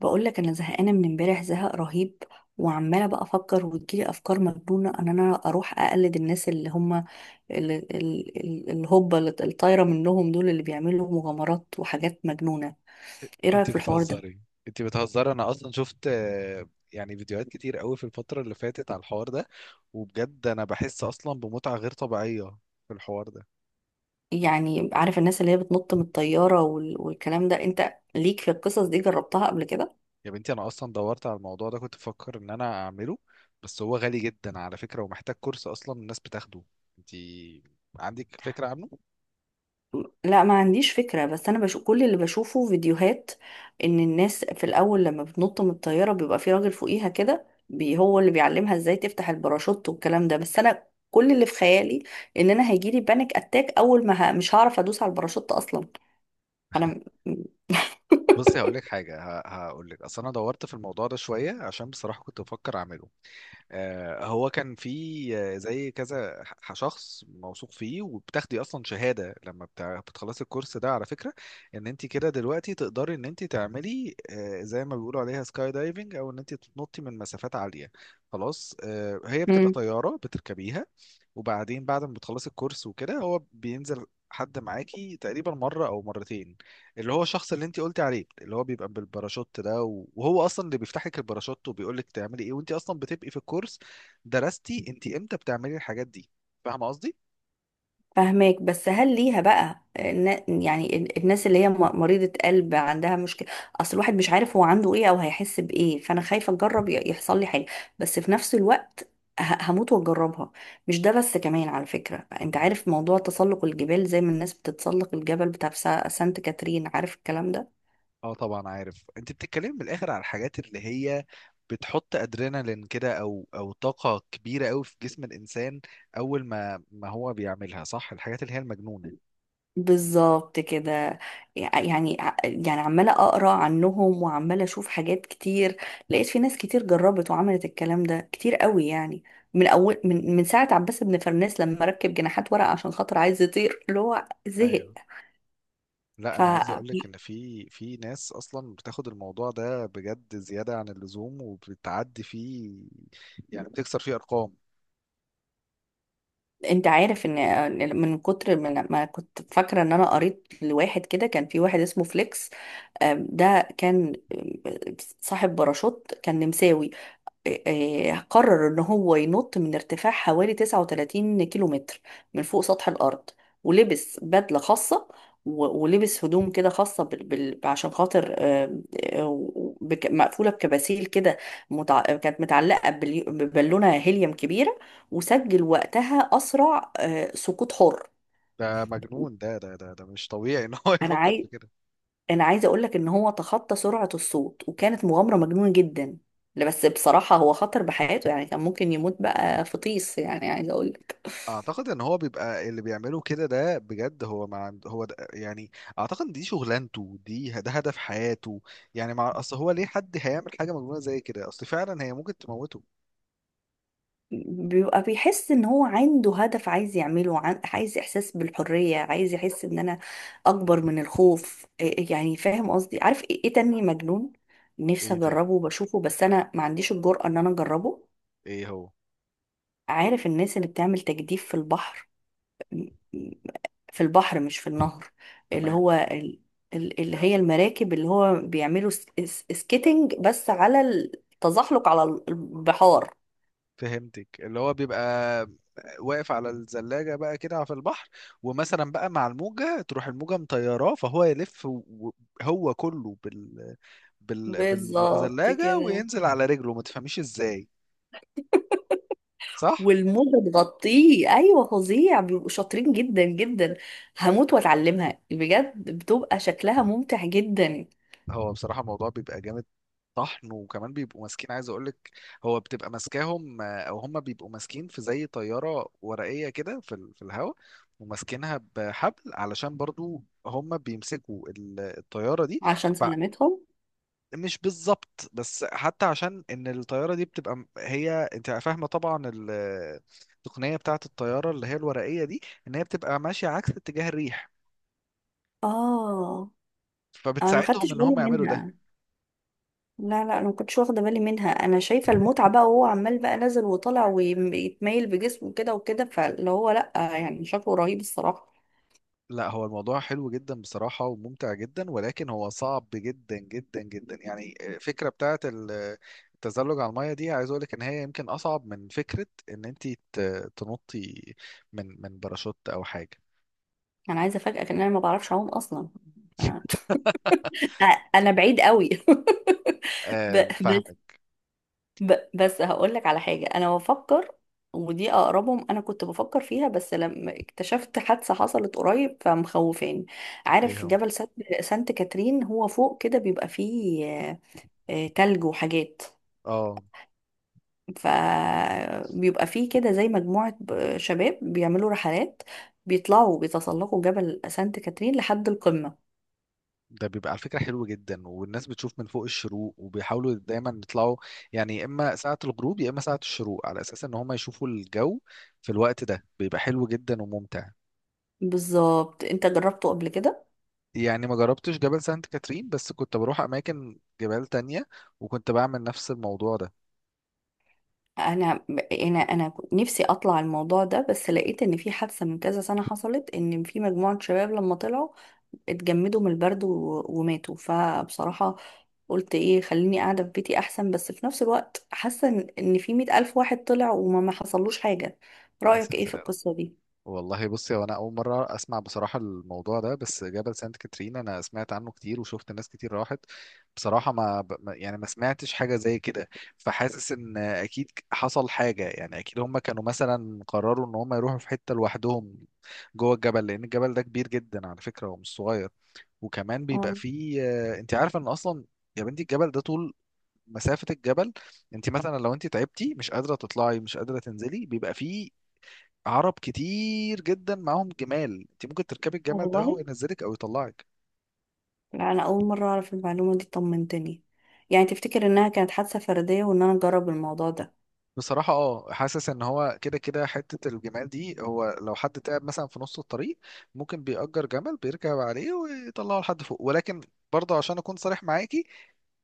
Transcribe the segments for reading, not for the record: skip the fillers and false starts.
بقول لك انا زهقانه من امبارح، زهق رهيب. وعماله بقى افكر وتجيلي افكار مجنونه ان انا اروح اقلد الناس اللي هم ال- الهبه اللي الطايره منهم دول، اللي بيعملوا مغامرات وحاجات مجنونه. ايه رايك انت في الحوار ده؟ بتهزري انت بتهزري، انا اصلا شفت يعني فيديوهات كتير قوي في الفترة اللي فاتت على الحوار ده. وبجد انا بحس اصلا بمتعة غير طبيعية في الحوار ده. يعني عارف الناس اللي هي بتنط من الطياره والكلام ده، انت ليك في القصص دي؟ جربتها قبل كده؟ يا بنتي انا اصلا دورت على الموضوع ده، كنت بفكر ان انا اعمله، بس هو غالي جدا على فكرة ومحتاج كورس اصلا الناس بتاخده. انت عندك فكرة عنه؟ لا، ما عنديش فكرة، بس أنا بشوف كل اللي بشوفه فيديوهات، إن الناس في الأول لما بتنط من الطيارة بيبقى في راجل فوقيها كده بي، هو اللي بيعلمها إزاي تفتح الباراشوت والكلام ده. بس أنا كل اللي في خيالي إن أنا هيجيلي بانيك أتاك، أول ما مش هعرف أدوس على الباراشوت أصلا. أنا بصي هقول لك حاجة، هقول لك اصل انا دورت في الموضوع ده شوية عشان بصراحة كنت بفكر اعمله. هو كان في زي كذا شخص موثوق فيه، وبتاخدي اصلا شهاده لما بتخلصي الكورس ده على فكره، ان انت كده دلوقتي تقدري ان انت تعملي زي ما بيقولوا عليها سكاي دايفنج، او ان انت تنطي من مسافات عاليه. خلاص، هي بتبقى م- طياره بتركبيها، وبعدين بعد ما بتخلصي الكورس وكده هو بينزل حد معاكي تقريبا مرة أو مرتين، اللي هو الشخص اللي انت قلتي عليه، اللي هو بيبقى بالباراشوت ده، وهو أصلا اللي بيفتح لك الباراشوت وبيقول لك تعملي إيه، وانت أصلا بتبقي في الكورس. درستي انت إمتى بتعملي الحاجات دي؟ فاهمة قصدي؟ فهماك، بس هل ليها بقى الناس اللي هي مريضة قلب عندها مشكلة؟ اصل الواحد مش عارف هو عنده ايه او هيحس بايه، فانا خايفة اجرب يحصل لي حاجة. بس في نفس الوقت هموت واجربها. مش ده بس، كمان على فكرة انت مم. عارف موضوع تسلق الجبال زي ما الناس بتتسلق الجبل بتاع سانت كاترين، عارف الكلام ده؟ اه طبعا عارف، انت بتتكلمي من الآخر على الحاجات اللي هي بتحط ادرينالين كده او او طاقة كبيرة قوي في جسم الانسان اول ما هو بيعملها صح، الحاجات اللي هي المجنونة. بالظبط كده. يعني يعني عمالة أقرأ عنهم وعمالة أشوف حاجات كتير، لقيت في ناس كتير جربت وعملت الكلام ده كتير قوي يعني. من أول من ساعة عباس بن فرناس لما ركب جناحات ورق عشان خاطر عايز يطير، اللي هو زهق. ايوه، لا انا عايز اقول فأنت لك ان في ناس اصلا بتاخد الموضوع ده بجد زياده عن اللزوم وبتعدي فيه، يعني بتكسر فيه ارقام. عارف إن من كتر ما كنت فاكرة إن أنا قريت لواحد كده، كان في واحد اسمه فليكس. ده كان صاحب باراشوت، كان نمساوي. قرر ان هو ينط من ارتفاع حوالي 39 كيلو متر من فوق سطح الارض، ولبس بدلة خاصة. ولبس هدوم كده خاصة عشان خاطر، آه، مقفولة بكباسيل كده، كانت متعلقة ببالونة هيليوم كبيرة. وسجل وقتها أسرع سقوط حر. ده مجنون، ده مش طبيعي ان هو أنا يفكر عايز في كده. انا عايزه اقول لك ان هو تخطى سرعه الصوت، وكانت مغامره مجنونه جدا. لا، بس بصراحه هو خطر بحياته، يعني كان ممكن يموت بقى في طيس، يعني عايزه اقول لك. اعتقد ان هو بيبقى اللي بيعمله كده ده بجد هو ما عند هو ده يعني، اعتقد دي شغلانته، دي ده هدف حياته. يعني مع اصل هو ليه حد هيعمل حاجه مجنونه زي كده، اصل فعلا هي ممكن تموته. بيبقى بيحس ان هو عنده هدف عايز يعمله، عايز احساس بالحريه، عايز يحس ان انا اكبر من الخوف. يعني فاهم قصدي؟ عارف إيه تاني مجنون؟ نفسي ايه تاني؟ اجربه وبشوفه، بس انا ما عنديش الجرأة ان انا اجربه. ايه هو؟ عارف الناس اللي بتعمل تجديف في البحر؟ في البحر مش في النهر. اللي تمام. هو اللي هي المراكب، اللي هو بيعملوا سكيتنج، بس على التزحلق على البحار. فهمتك، اللي هو بيبقى واقف على الزلاجة بقى كده في البحر، ومثلا بقى مع الموجة تروح الموجة مطيراه فهو يلف هو كله بالظبط بالزلاجة كده. وينزل على رجله ما تفهميش ازاي. صح؟ والموجة تغطيه، ايوه، فظيع، بيبقوا شاطرين جدا جدا. هموت واتعلمها بجد، بتبقى شكلها ممتع جدا. هو بصراحة الموضوع بيبقى جامد طحن، وكمان بيبقوا ماسكين، عايز اقولك هو بتبقى ماسكاهم او هم بيبقوا ماسكين في زي طيارة ورقية كده في في الهواء، وماسكينها بحبل، علشان برضو هم بيمسكوا الطيارة دي. عشان سلامتهم. مش بالظبط، بس حتى عشان ان الطياره دي بتبقى هي انت فاهمه طبعا التقنيه بتاعه الطياره اللي هي الورقيه دي، ان هي بتبقى ماشيه عكس اتجاه الريح، اه، انا ما خدتش فبتساعدهم ان بالي هم يعملوا ده. منها. لا لا، انا ما كنتش واخده بالي منها. انا شايفه المتعه بقى، وهو عمال بقى نازل وطالع ويتميل بجسمه كده وكده، فاللي هو لا، يعني شكله رهيب الصراحه. لا هو الموضوع حلو جدا بصراحه وممتع جدا، ولكن هو صعب جدا جدا جدا. يعني الفكره بتاعه التزلج على الميه دي، عايز اقول لك ان هي يمكن اصعب من فكره ان انت تنطي من باراشوت او حاجه. انا عايزه افاجئك ان انا ما بعرفش اعوم اصلا. ف- انا بعيد قوي. ب- بس فاهمك. بس هقول لك على حاجه انا بفكر، ودي اقربهم. انا كنت بفكر فيها، بس لما اكتشفت حادثه حصلت قريب فمخوفاني. ايه عارف هو؟ جبل سانت كاترين؟ هو فوق كده بيبقى فيه تلج وحاجات، اه، فبيبقى فيه كده زي مجموعة شباب بيعملوا رحلات، بيطلعوا بيتسلقوا جبل سانت كاترين لحد القمة. ده بيبقى على فكرة حلو جدا، والناس بتشوف من فوق الشروق وبيحاولوا دايما يطلعوا، يعني يا اما ساعة الغروب يا اما ساعة الشروق، على اساس ان هم يشوفوا الجو في الوقت ده بيبقى حلو جدا وممتع. بالظبط. انت جربته قبل كده؟ يعني ما جربتش جبل سانت كاترين، بس كنت بروح اماكن جبال تانية وكنت بعمل نفس الموضوع ده. انا انا كنت نفسي اطلع الموضوع ده، بس لقيت ان في حادثة من كذا سنة حصلت، ان في مجموعة شباب لما طلعوا اتجمدوا من البرد وماتوا، فبصراحة قلت ايه، خليني قاعدة في بيتي احسن. بس في نفس الوقت حاسة إن في 100 ألف واحد طلع وما ما حصلوش حاجة. يا رأيك ايه في ساتر يا رب. القصة والله بصي، هو انا اول مره اسمع بصراحه الموضوع ده، بس جبل سانت كاترين انا سمعت عنه كتير وشفت ناس كتير راحت، بصراحه ما ب- ما- يعني ما سمعتش حاجه زي كده. فحاسس ان اكيد حصل حاجه، يعني اكيد هم كانوا مثلا قرروا ان هم يروحوا في حته لوحدهم جوه الجبل، لان الجبل ده كبير جدا على فكره ومش صغير. وكمان بيبقى دي؟ فيه انت عارفه ان اصلا، يا بنتي الجبل ده طول مسافة الجبل، انت مثلا لو انت تعبتي مش قادرة تطلعي مش قادرة تنزلي، بيبقى فيه عرب كتير جدا معاهم جمال، انت ممكن تركبي الجمل ده هو والله، ينزلك او يطلعك. لا، انا اول مره اعرف المعلومه دي، طمنتني. يعني تفتكر انها كانت حادثه فرديه وان انا اجرب الموضوع ده؟ بصراحة اه، حاسس ان هو كده كده حتة الجمال دي، هو لو حد تعب مثلا في نص الطريق ممكن بيأجر جمل بيركب عليه ويطلعه لحد فوق. ولكن برضه عشان اكون صريح معاكي،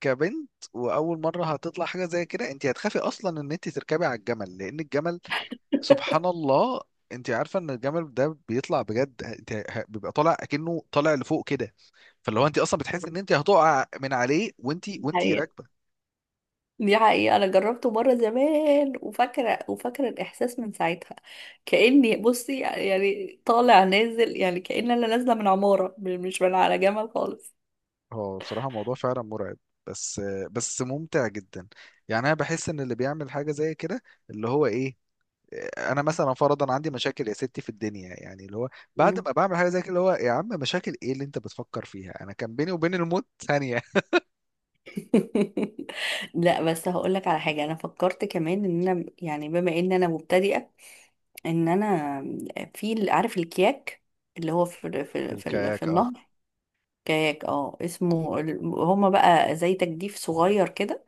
كبنت واول مرة هتطلع حاجة زي كده، انت هتخافي اصلا ان انت تركبي على الجمل، لان الجمل سبحان الله، انت عارفة ان الجمل ده بيطلع بجد، انت بيبقى طالع اكنه طالع لفوق كده، فاللي هو انت اصلا بتحس ان انت هتقع من عليه وانت دي وانت حقيقة راكبه. دي حقيقة أنا جربته مرة زمان، وفاكرة الإحساس من ساعتها، كأني بصي يعني طالع نازل، يعني كأن أنا نازلة من عمارة مش من على جمل خالص. هو بصراحه الموضوع فعلا مرعب، بس بس ممتع جدا. يعني انا بحس ان اللي بيعمل حاجه زي كده اللي هو ايه، انا مثلا فرضا عندي مشاكل يا ستي في الدنيا، يعني اللي هو بعد مم. ما بعمل حاجه زي كده اللي هو يا عم مشاكل ايه اللي انت بتفكر فيها، انا كان بيني وبين الموت ثانيه. لا، بس هقول لك على حاجه انا فكرت كمان، ان انا يعني بما ان انا مبتدئه، ان انا في، عارف الكياك؟ اللي هو في الكاياك اه. النهر. كاياك، اه، اسمه هما بقى زي تجديف صغير كده،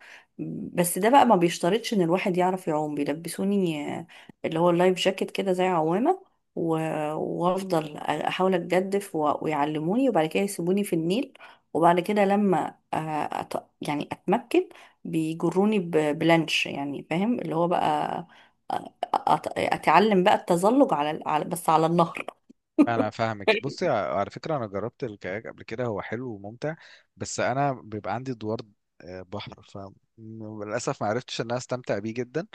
بس ده بقى ما بيشترطش ان الواحد يعرف يعوم. بيلبسوني اللي هو اللايف جاكيت كده زي عوامة، وافضل احاول اتجدف، ويعلموني وبعد كده يسيبوني في النيل. وبعد كده لما يعني اتمكن، بيجروني بلانش، يعني فاهم اللي هو بقى، اتعلم بقى التزلج بس على النهر. انا فاهمك، بصي على فكره انا جربت الكاياك قبل كده، هو حلو وممتع، بس انا بيبقى عندي دوار بحر، فللاسف ما عرفتش ان انا استمتع بيه جدا،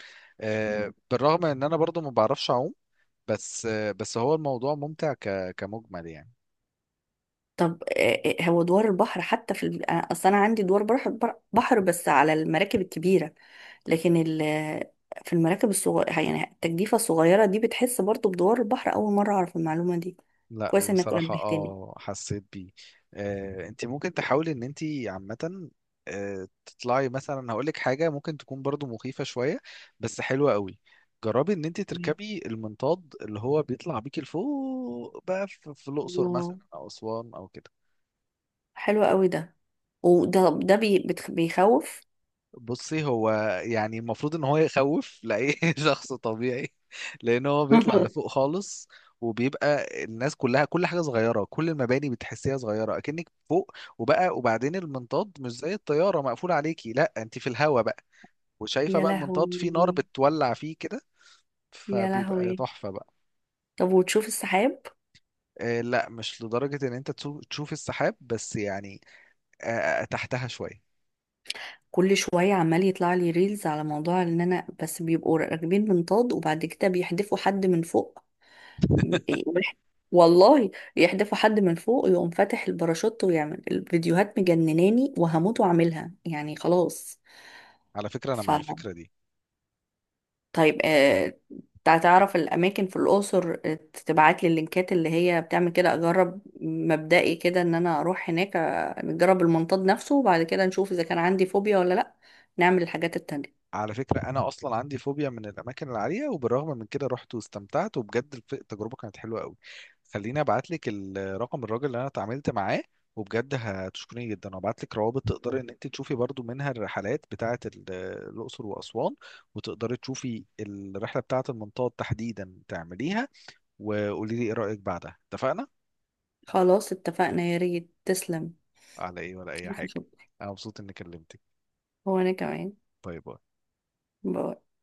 بالرغم ان انا برضو ما بعرفش اعوم. بس بس هو الموضوع ممتع كمجمل يعني. طب، هو دوار البحر حتى في ال... آه، اصل انا عندي دوار بحر، بحر، بس على المراكب الكبيره. لكن ال... آه، في المراكب الصغيره، يعني التجديفه الصغيره دي، بتحس برضو بدوار البحر؟ اول مره اعرف المعلومه دي. لا كويس انك بصراحة نبهتني. اه حسيت بيه. انت ممكن تحاولي ان انت عامة، تطلعي مثلا، هقولك حاجة ممكن تكون برضو مخيفة شوية بس حلوة قوي، جربي ان انت تمام. تركبي المنطاد اللي هو بيطلع بيكي لفوق بقى في الاقصر مثلا الله، او اسوان او كده. حلو قوي ده. وده بيخوف. بصي هو يعني المفروض ان هو يخوف لاي شخص طبيعي، لان هو بيطلع لفوق خالص، وبيبقى الناس كلها كل حاجه صغيره كل المباني بتحسيها صغيره اكنك فوق. وبقى وبعدين المنطاد مش زي الطياره مقفول عليكي، لا انت في الهوا بقى، وشايفه يا بقى المنطاد فيه نار لهوي، بتولع فيه كده، يا فبيبقى لهوي. تحفه بقى. طب وتشوف السحاب؟ آه لا، مش لدرجه ان انت تشوف السحاب، بس يعني آه، تحتها شويه. كل شوية عمال يطلع لي ريلز على موضوع ان انا بس بيبقوا راكبين منطاد، وبعد كده بيحدفوا حد من فوق. ويح- والله يحدفوا حد من فوق يقوم فاتح الباراشوت، ويعمل الفيديوهات مجنناني، وهموت واعملها يعني، خلاص. على فكره انا ف مع الفكره دي. طيب، تعرف الاماكن في الاقصر؟ تبعت لي اللينكات اللي هي بتعمل كده، اجرب مبدئي كده ان انا اروح هناك، نجرب المنطاد نفسه وبعد كده نشوف اذا كان عندي فوبيا ولا لا، نعمل الحاجات التانية. على فكرة أنا أصلا عندي فوبيا من الأماكن العالية، وبالرغم من كده رحت واستمتعت، وبجد التجربة كانت حلوة قوي. خليني أبعت لك رقم الراجل اللي أنا اتعاملت معاه، وبجد هتشكريني جدا، وأبعت لك روابط تقدري إن أنت تشوفي برضو منها الرحلات بتاعة الأقصر وأسوان، وتقدري تشوفي الرحلة بتاعة المنطاد تحديدا تعمليها، وقولي لي إيه رأيك بعدها. اتفقنا؟ خلاص اتفقنا، يا ريت تسلم. على إيه ولا أي ألف حاجة. شكر. أنا مبسوط إني كلمتك. هو انا كمان. باي باي. باي.